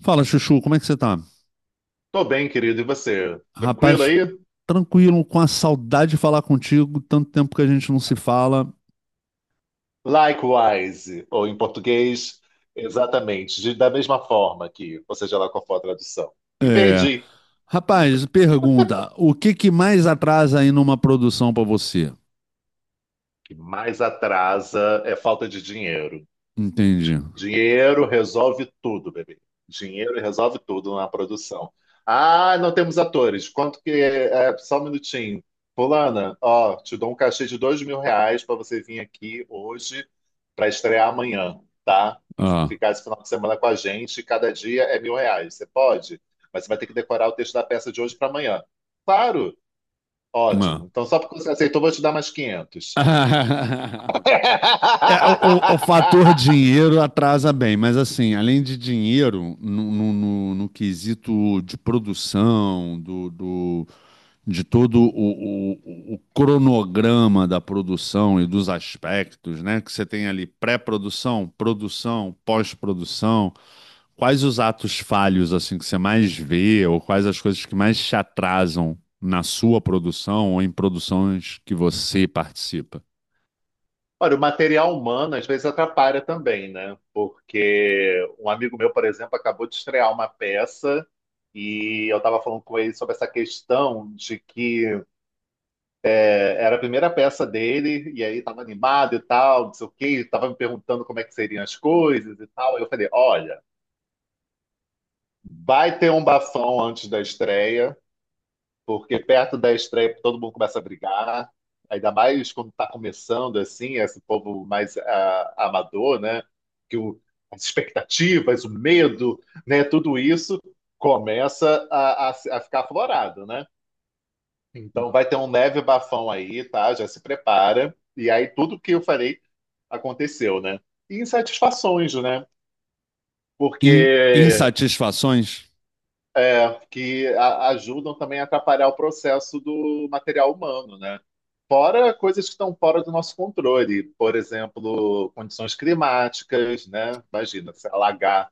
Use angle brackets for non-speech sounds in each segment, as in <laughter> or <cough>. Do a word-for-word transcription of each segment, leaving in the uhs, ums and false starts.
Fala, Chuchu, como é que você tá? Tô bem, querido, e você? Tranquilo Rapaz, aí? tranquilo, com a saudade de falar contigo, tanto tempo que a gente não se fala. Likewise, ou em português, exatamente, de- da mesma forma que, ou seja lá qual for a tradução. Me É. perdi. Rapaz, pergunta, o que que mais atrasa aí numa produção pra você? O que mais atrasa é falta de dinheiro. Entendi. Dinheiro resolve tudo, bebê. Dinheiro resolve tudo na produção. Ah, não temos atores. Quanto que é? É, só um minutinho. Fulana, ó, te dou um cachê de dois mil reais para você vir aqui hoje para estrear amanhã, tá? E fi- Ah, ficar esse final de semana com a gente. Cada dia é mil reais. Você pode? Mas você vai ter que decorar o texto da peça de hoje para amanhã. Claro. ah. Ótimo. Então, só porque você aceitou, eu vou te dar mais quinhentos. <laughs> É, o, o- o fator <laughs> dinheiro atrasa bem, mas assim, além de dinheiro, no, no, no- no quesito de produção, do, do- de todo o, o- o cronograma da produção e dos aspectos, né? Que você tem ali pré-produção, produção, pós-produção. Quais os atos falhos assim que você mais vê, ou quais as coisas que mais te atrasam na sua produção ou em produções que você participa? Olha, o material humano às vezes atrapalha também, né? Porque um amigo meu, por exemplo, acabou de estrear uma peça e eu estava falando com ele sobre essa questão de que é, era a primeira peça dele e aí estava animado e tal, não sei o quê, estava me perguntando como é que seriam as coisas e tal. Eu falei, olha, vai ter um bafão antes da estreia. Porque perto da estreia todo mundo começa a brigar, ainda mais quando está começando assim, esse povo mais ah, amador, né? Que o- As expectativas, o medo, né? Tudo isso começa a, a, a ficar aflorado, né? Então vai ter um leve bafão aí, tá? Já se prepara. E aí tudo que eu falei aconteceu, né? E insatisfações, né? In- Porque Insatisfações? é, que a- ajudam também a atrapalhar o processo do material humano, né? Fora coisas que estão fora do nosso controle, por exemplo, condições climáticas, né? Imagina, se alagar,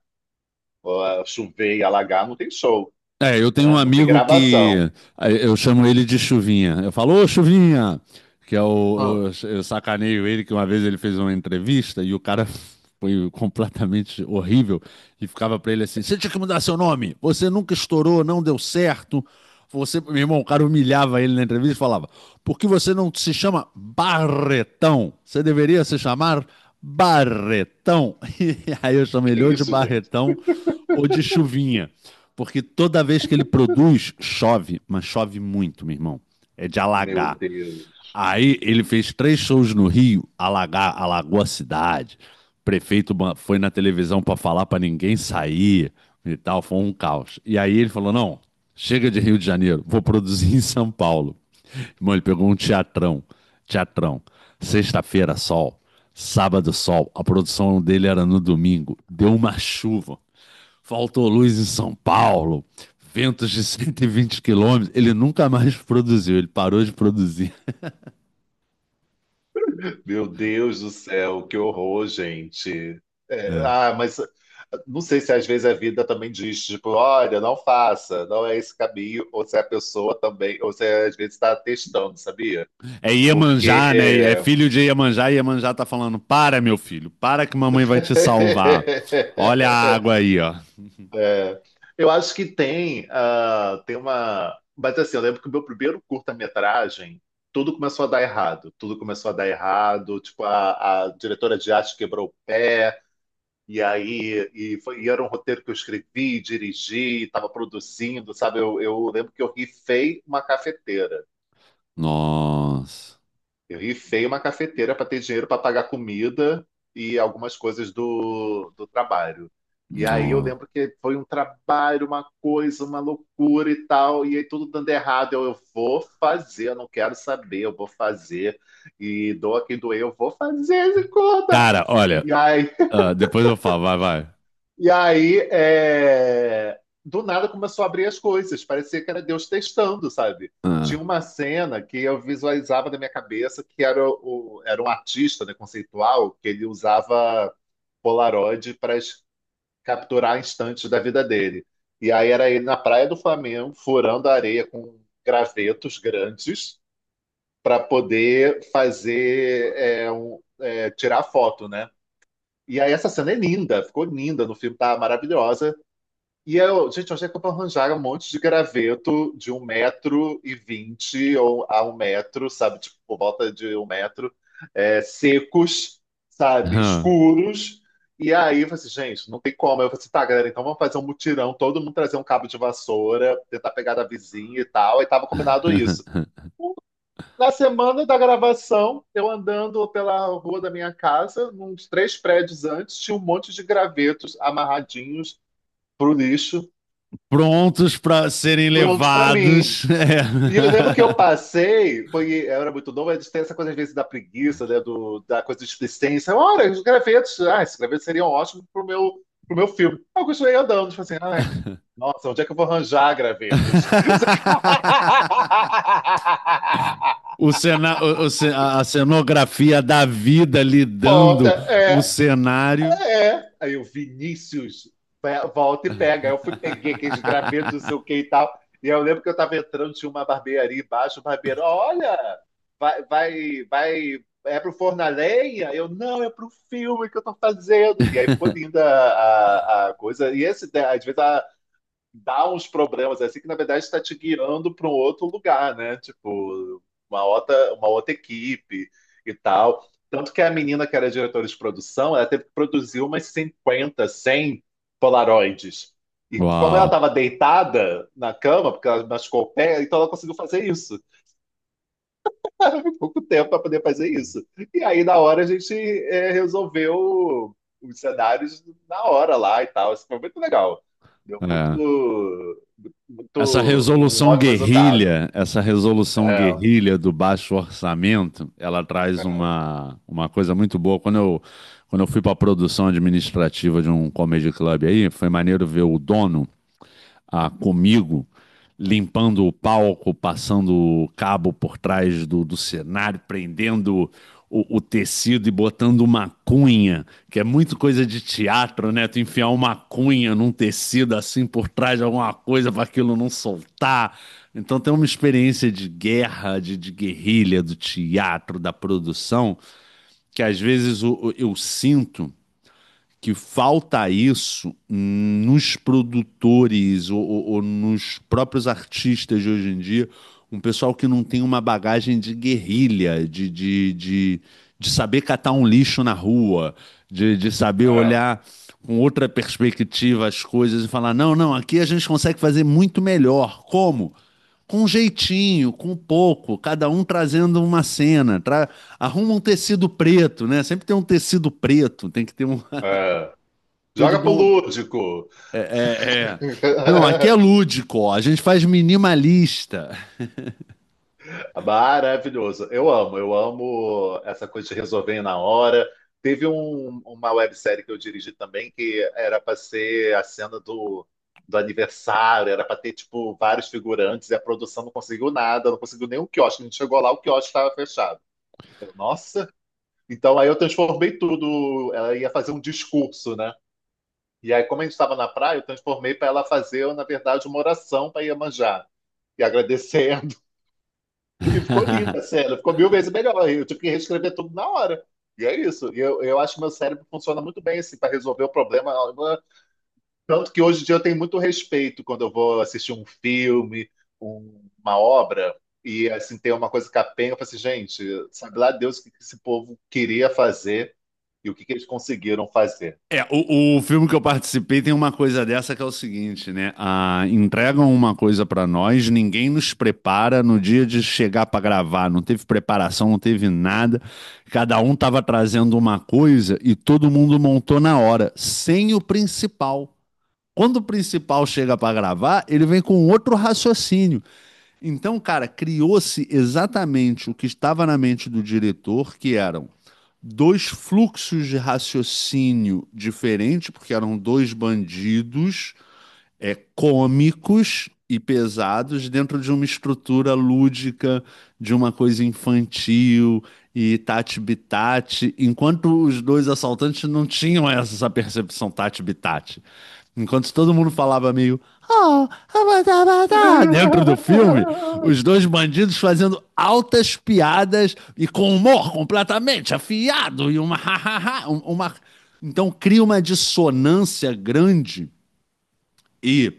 ó, chover e alagar, não tem show, É, eu tenho um né? Não tem amigo gravação. que eh, eu chamo ele de Chuvinha. Eu falo, ô Chuvinha, que é Hã, o, o- eu sacaneio ele que uma vez ele fez uma entrevista e o cara <laughs> foi completamente horrível e ficava pra ele assim: "Você tinha que mudar seu nome. Você nunca estourou, não deu certo. Você, meu irmão, o cara humilhava ele na entrevista e falava: "Por que você não se chama Barretão? Você deveria se chamar Barretão". <laughs> E aí eu chamei que ele ou de isso, gente? Barretão ou de Chuvinha. Porque toda vez que ele produz, chove, mas chove muito, meu irmão. É de Meu alagar. Deus. Aí ele fez três shows no Rio, alagar, alagou a cidade. O prefeito ba- foi na televisão para falar para ninguém sair e tal, foi um caos. E aí ele falou: não, chega de Rio de Janeiro, vou produzir <laughs> em São Paulo. Irmão, ele pegou um teatrão, teatrão. Sexta-feira, sol. Sábado, sol. A produção dele era no domingo. Deu uma chuva. Faltou luz em São Paulo. Ventos de <laughs> cento e vinte quilômetros. Ele nunca mais <laughs> produziu. Ele parou de produzir. Meu Deus do céu, que horror, gente. É, É ah, mas não sei se às vezes a vida também diz, tipo, olha, não faça, não é esse caminho, ou se a pessoa também, ou se às vezes está testando, sabia? é Iemanjá, né? É Porque filho de Iemanjá, e Iemanjá tá falando: para, meu filho, para que mamãe vai te salvar. Olha a <laughs> água aí, ó. é, eu acho que tem, ah, tem uma. Mas assim, eu lembro que o meu primeiro curta-metragem, tudo começou a dar errado. Tudo começou a dar errado. Tipo, a, a diretora de arte quebrou o pé. E aí, e, foi, e era um roteiro que eu escrevi, dirigi, estava produzindo, sabe? Eu, eu lembro que eu rifei uma cafeteira. Nossa. Eu rifei uma cafeteira para ter dinheiro para pagar comida e algumas coisas do, do trabalho. E aí eu Nó. lembro que foi um trabalho, uma coisa, uma loucura e tal, e aí tudo dando errado. Eu, eu vou fazer, eu não quero saber, eu vou fazer. E doa quem doer, eu vou fazer, se conta. Cara, olha, E aí ah, depois eu falo, vai, vai. E aí, é, do nada começou a abrir as coisas, parecia que era Deus testando, sabe? Tinha Ah. uma cena que eu visualizava na minha cabeça que era, o, era um artista, né, conceitual, que ele usava Polaroid para capturar instantes da vida dele. E aí era ele na praia do Flamengo, furando a areia com gravetos grandes para poder fazer é, um- é, tirar foto, né? E aí essa cena é linda, ficou linda no filme, tá maravilhosa. E eu, gente, onde é que eu vou arranjar um monte de graveto de um metro e vinte ou a um metro, sabe? Tipo, por volta de um metro, é, secos, sabe? Ah. Escuros. E aí, eu falei assim, gente, não tem como. Eu falei assim, tá, galera, então vamos fazer um mutirão, todo mundo trazer um cabo de vassoura, tentar pegar da vizinha e tal. E tava combinado isso. <laughs> Na semana da gravação, eu andando pela rua da minha casa, uns três prédios antes, tinha um monte de gravetos amarradinhos pro lixo, Prontos pra serem prontos para mim. levados. <laughs> É. E eu lembro que eu <laughs> passei, foi, eu era muito novo, a gente tem essa coisa às vezes da preguiça, né, do, da coisa de explicência. Olha, os gravetos, ah, esses gravetos seriam ótimos pro meu, pro meu filme. Aí eu continuei andando, tipo assim, ai, nossa, onde é que eu vou arranjar gravetos? <laughs> O cena, o- o ce- a a cenografia da vida lidando Foda, o é. cenário. É. Aí o Vinícius pe- volta e pega. Aí eu fui, peguei aqueles gravetos, não <laughs> sei o que e tal. E eu lembro que eu tava entrando, tinha uma barbearia embaixo, o barbeiro, olha, vai, vai, vai, é pro forno a lenha? Eu, não, é pro filme que eu tô fazendo. E aí ficou linda a, a- a coisa. E esse, né, às vezes, a, dá uns problemas é assim que na verdade está te guiando para um outro lugar, né? Tipo, uma outra, uma outra equipe e tal. Tanto que a menina que era diretora de produção, ela teve que produzir umas cinquenta cem Polaroids. E como ela Uau. estava deitada na cama, porque ela machucou o pé, então ela conseguiu fazer isso. <laughs> pouco tempo para poder fazer isso. E aí, na hora, a gente é, resolveu os cenários na hora lá e tal. Isso foi muito legal. Deu muito, É. muito Essa um resolução ótimo resultado. guerrilha, essa resolução É, guerrilha do baixo orçamento, ela traz é, uma, uma coisa muito boa. Quando eu, quando eu fui para a produção administrativa de um comedy club aí, foi maneiro ver o dono ah, comigo, limpando o palco, passando o cabo por trás do, do cenário, prendendo o, o tecido e botando uma cunha, que é muito coisa de teatro, né? Tu enfiar uma cunha num tecido assim por trás de alguma coisa para aquilo não soltar. Então tem uma experiência de guerra, de, de guerrilha, do teatro, da produção, que às vezes o- o- eu sinto que falta isso nos produtores ou, ou- ou nos próprios artistas de hoje em dia, um pessoal que não tem uma bagagem de guerrilha, de, de, de, de saber catar um lixo na rua, de, de saber é, olhar com outra perspectiva as coisas e falar: não, não, aqui a gente consegue fazer muito melhor. Como? Com jeitinho, com pouco, cada um trazendo uma cena. Tra... Arruma um tecido preto, né? Sempre tem um tecido preto, tem que ter um, é. todo Joga pro bom. lúdico! É, é, é. <laughs> Não, aqui é lúdico, ó, a gente faz minimalista. Maravilhoso. Eu amo, eu amo essa coisa de resolver na hora. Teve um- uma websérie que eu dirigi também que era para ser a cena do, do aniversário, era para ter tipo vários figurantes e a produção não conseguiu nada, não conseguiu nenhum quiosque. A gente chegou lá, o quiosque estava fechado. Eu, nossa, então aí eu transformei tudo. Ela ia fazer um discurso, né? E aí, como a gente estava na praia, eu transformei para ela fazer, na verdade, uma oração para Iemanjá e agradecer e ficou linda a <laughs> cena, ficou mil vezes melhor. Eu tive que reescrever tudo na hora. E é isso. E Eu, eu acho que meu cérebro funciona muito bem assim para resolver o problema. Tanto que hoje em dia eu tenho muito respeito quando eu vou assistir um filme, um- uma obra, e assim tem uma coisa capenga. Eu falo assim, gente, sabe lá Deus o que que esse povo queria fazer e o que que eles conseguiram fazer. É, o, o filme que eu participei tem uma coisa dessa que é o seguinte, né? Ah, entregam uma coisa pra nós, ninguém nos prepara no dia de chegar pra gravar, não teve preparação, não teve nada. Cada um tava trazendo uma coisa e todo mundo montou na hora, sem o principal. Quando o principal chega pra gravar, ele vem com outro raciocínio. Então, cara, criou-se exatamente o que estava na mente do diretor, que eram dois fluxos de raciocínio diferentes, porque eram dois bandidos é, cômicos e pesados dentro de uma estrutura lúdica, de uma coisa infantil e tati-bitati, enquanto os dois assaltantes não tinham essa percepção tati-bitati. Enquanto todo mundo falava meio "Oh, abadá, abadá", dentro do filme, <laughs> os dois bandidos fazendo altas piadas e com humor completamente afiado e uma ha, ha, ha, um- uma então cria uma dissonância grande e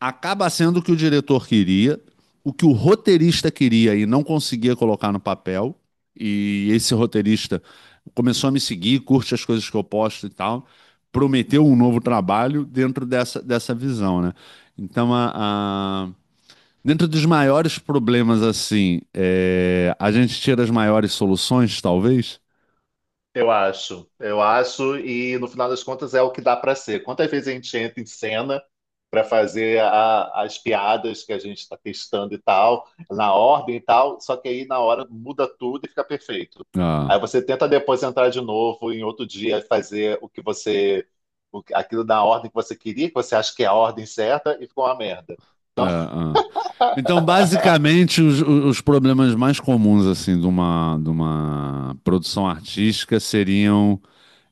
acaba sendo o que o diretor queria, o que o roteirista queria e não conseguia colocar no papel. E esse roteirista começou a me seguir, curte as coisas que eu posto e tal. Prometeu um novo trabalho dentro dessa, dessa visão, né? Então, a, a- dentro dos maiores problemas, assim, é, a gente tira as maiores soluções, talvez. Eu acho, eu acho, e no final das contas é o que dá para ser. Quantas vezes a gente entra em cena para fazer a- as piadas que a gente está testando e tal, na ordem e tal, só que aí na hora muda tudo e fica perfeito. Aí Ah. você tenta depois entrar de novo em outro dia e fazer o que você, o- aquilo na ordem que você queria, que você acha que é a ordem certa e ficou uma merda. É, Então, é. Então, basicamente, os, os problemas mais comuns assim de uma, de uma produção artística seriam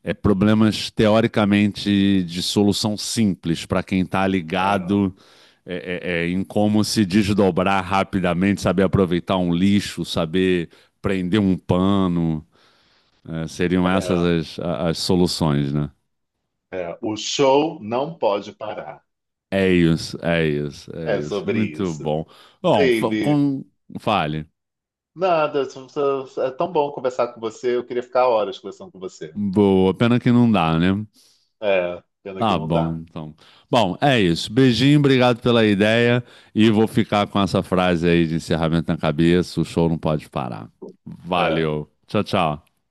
é, problemas teoricamente de solução simples para quem está ligado <laughs> é, é, é, em como se desdobrar rapidamente, saber aproveitar um lixo, saber prender um pano. É, seriam é, essas é, as, a- as soluções, né? é, o show não pode parar. É isso, é isso, é É isso. sobre Muito isso. bom. Bom, fa- Baby. com... fale. Nada, é tão bom conversar com você. Eu queria ficar horas conversando com você. Boa, pena que não dá, né? É, pena que Tá não bom, dá. então. Bom, é isso. Beijinho, obrigado pela ideia. E vou ficar com essa frase aí de encerramento na cabeça: o show não pode parar. É. Valeu. Tchau, tchau.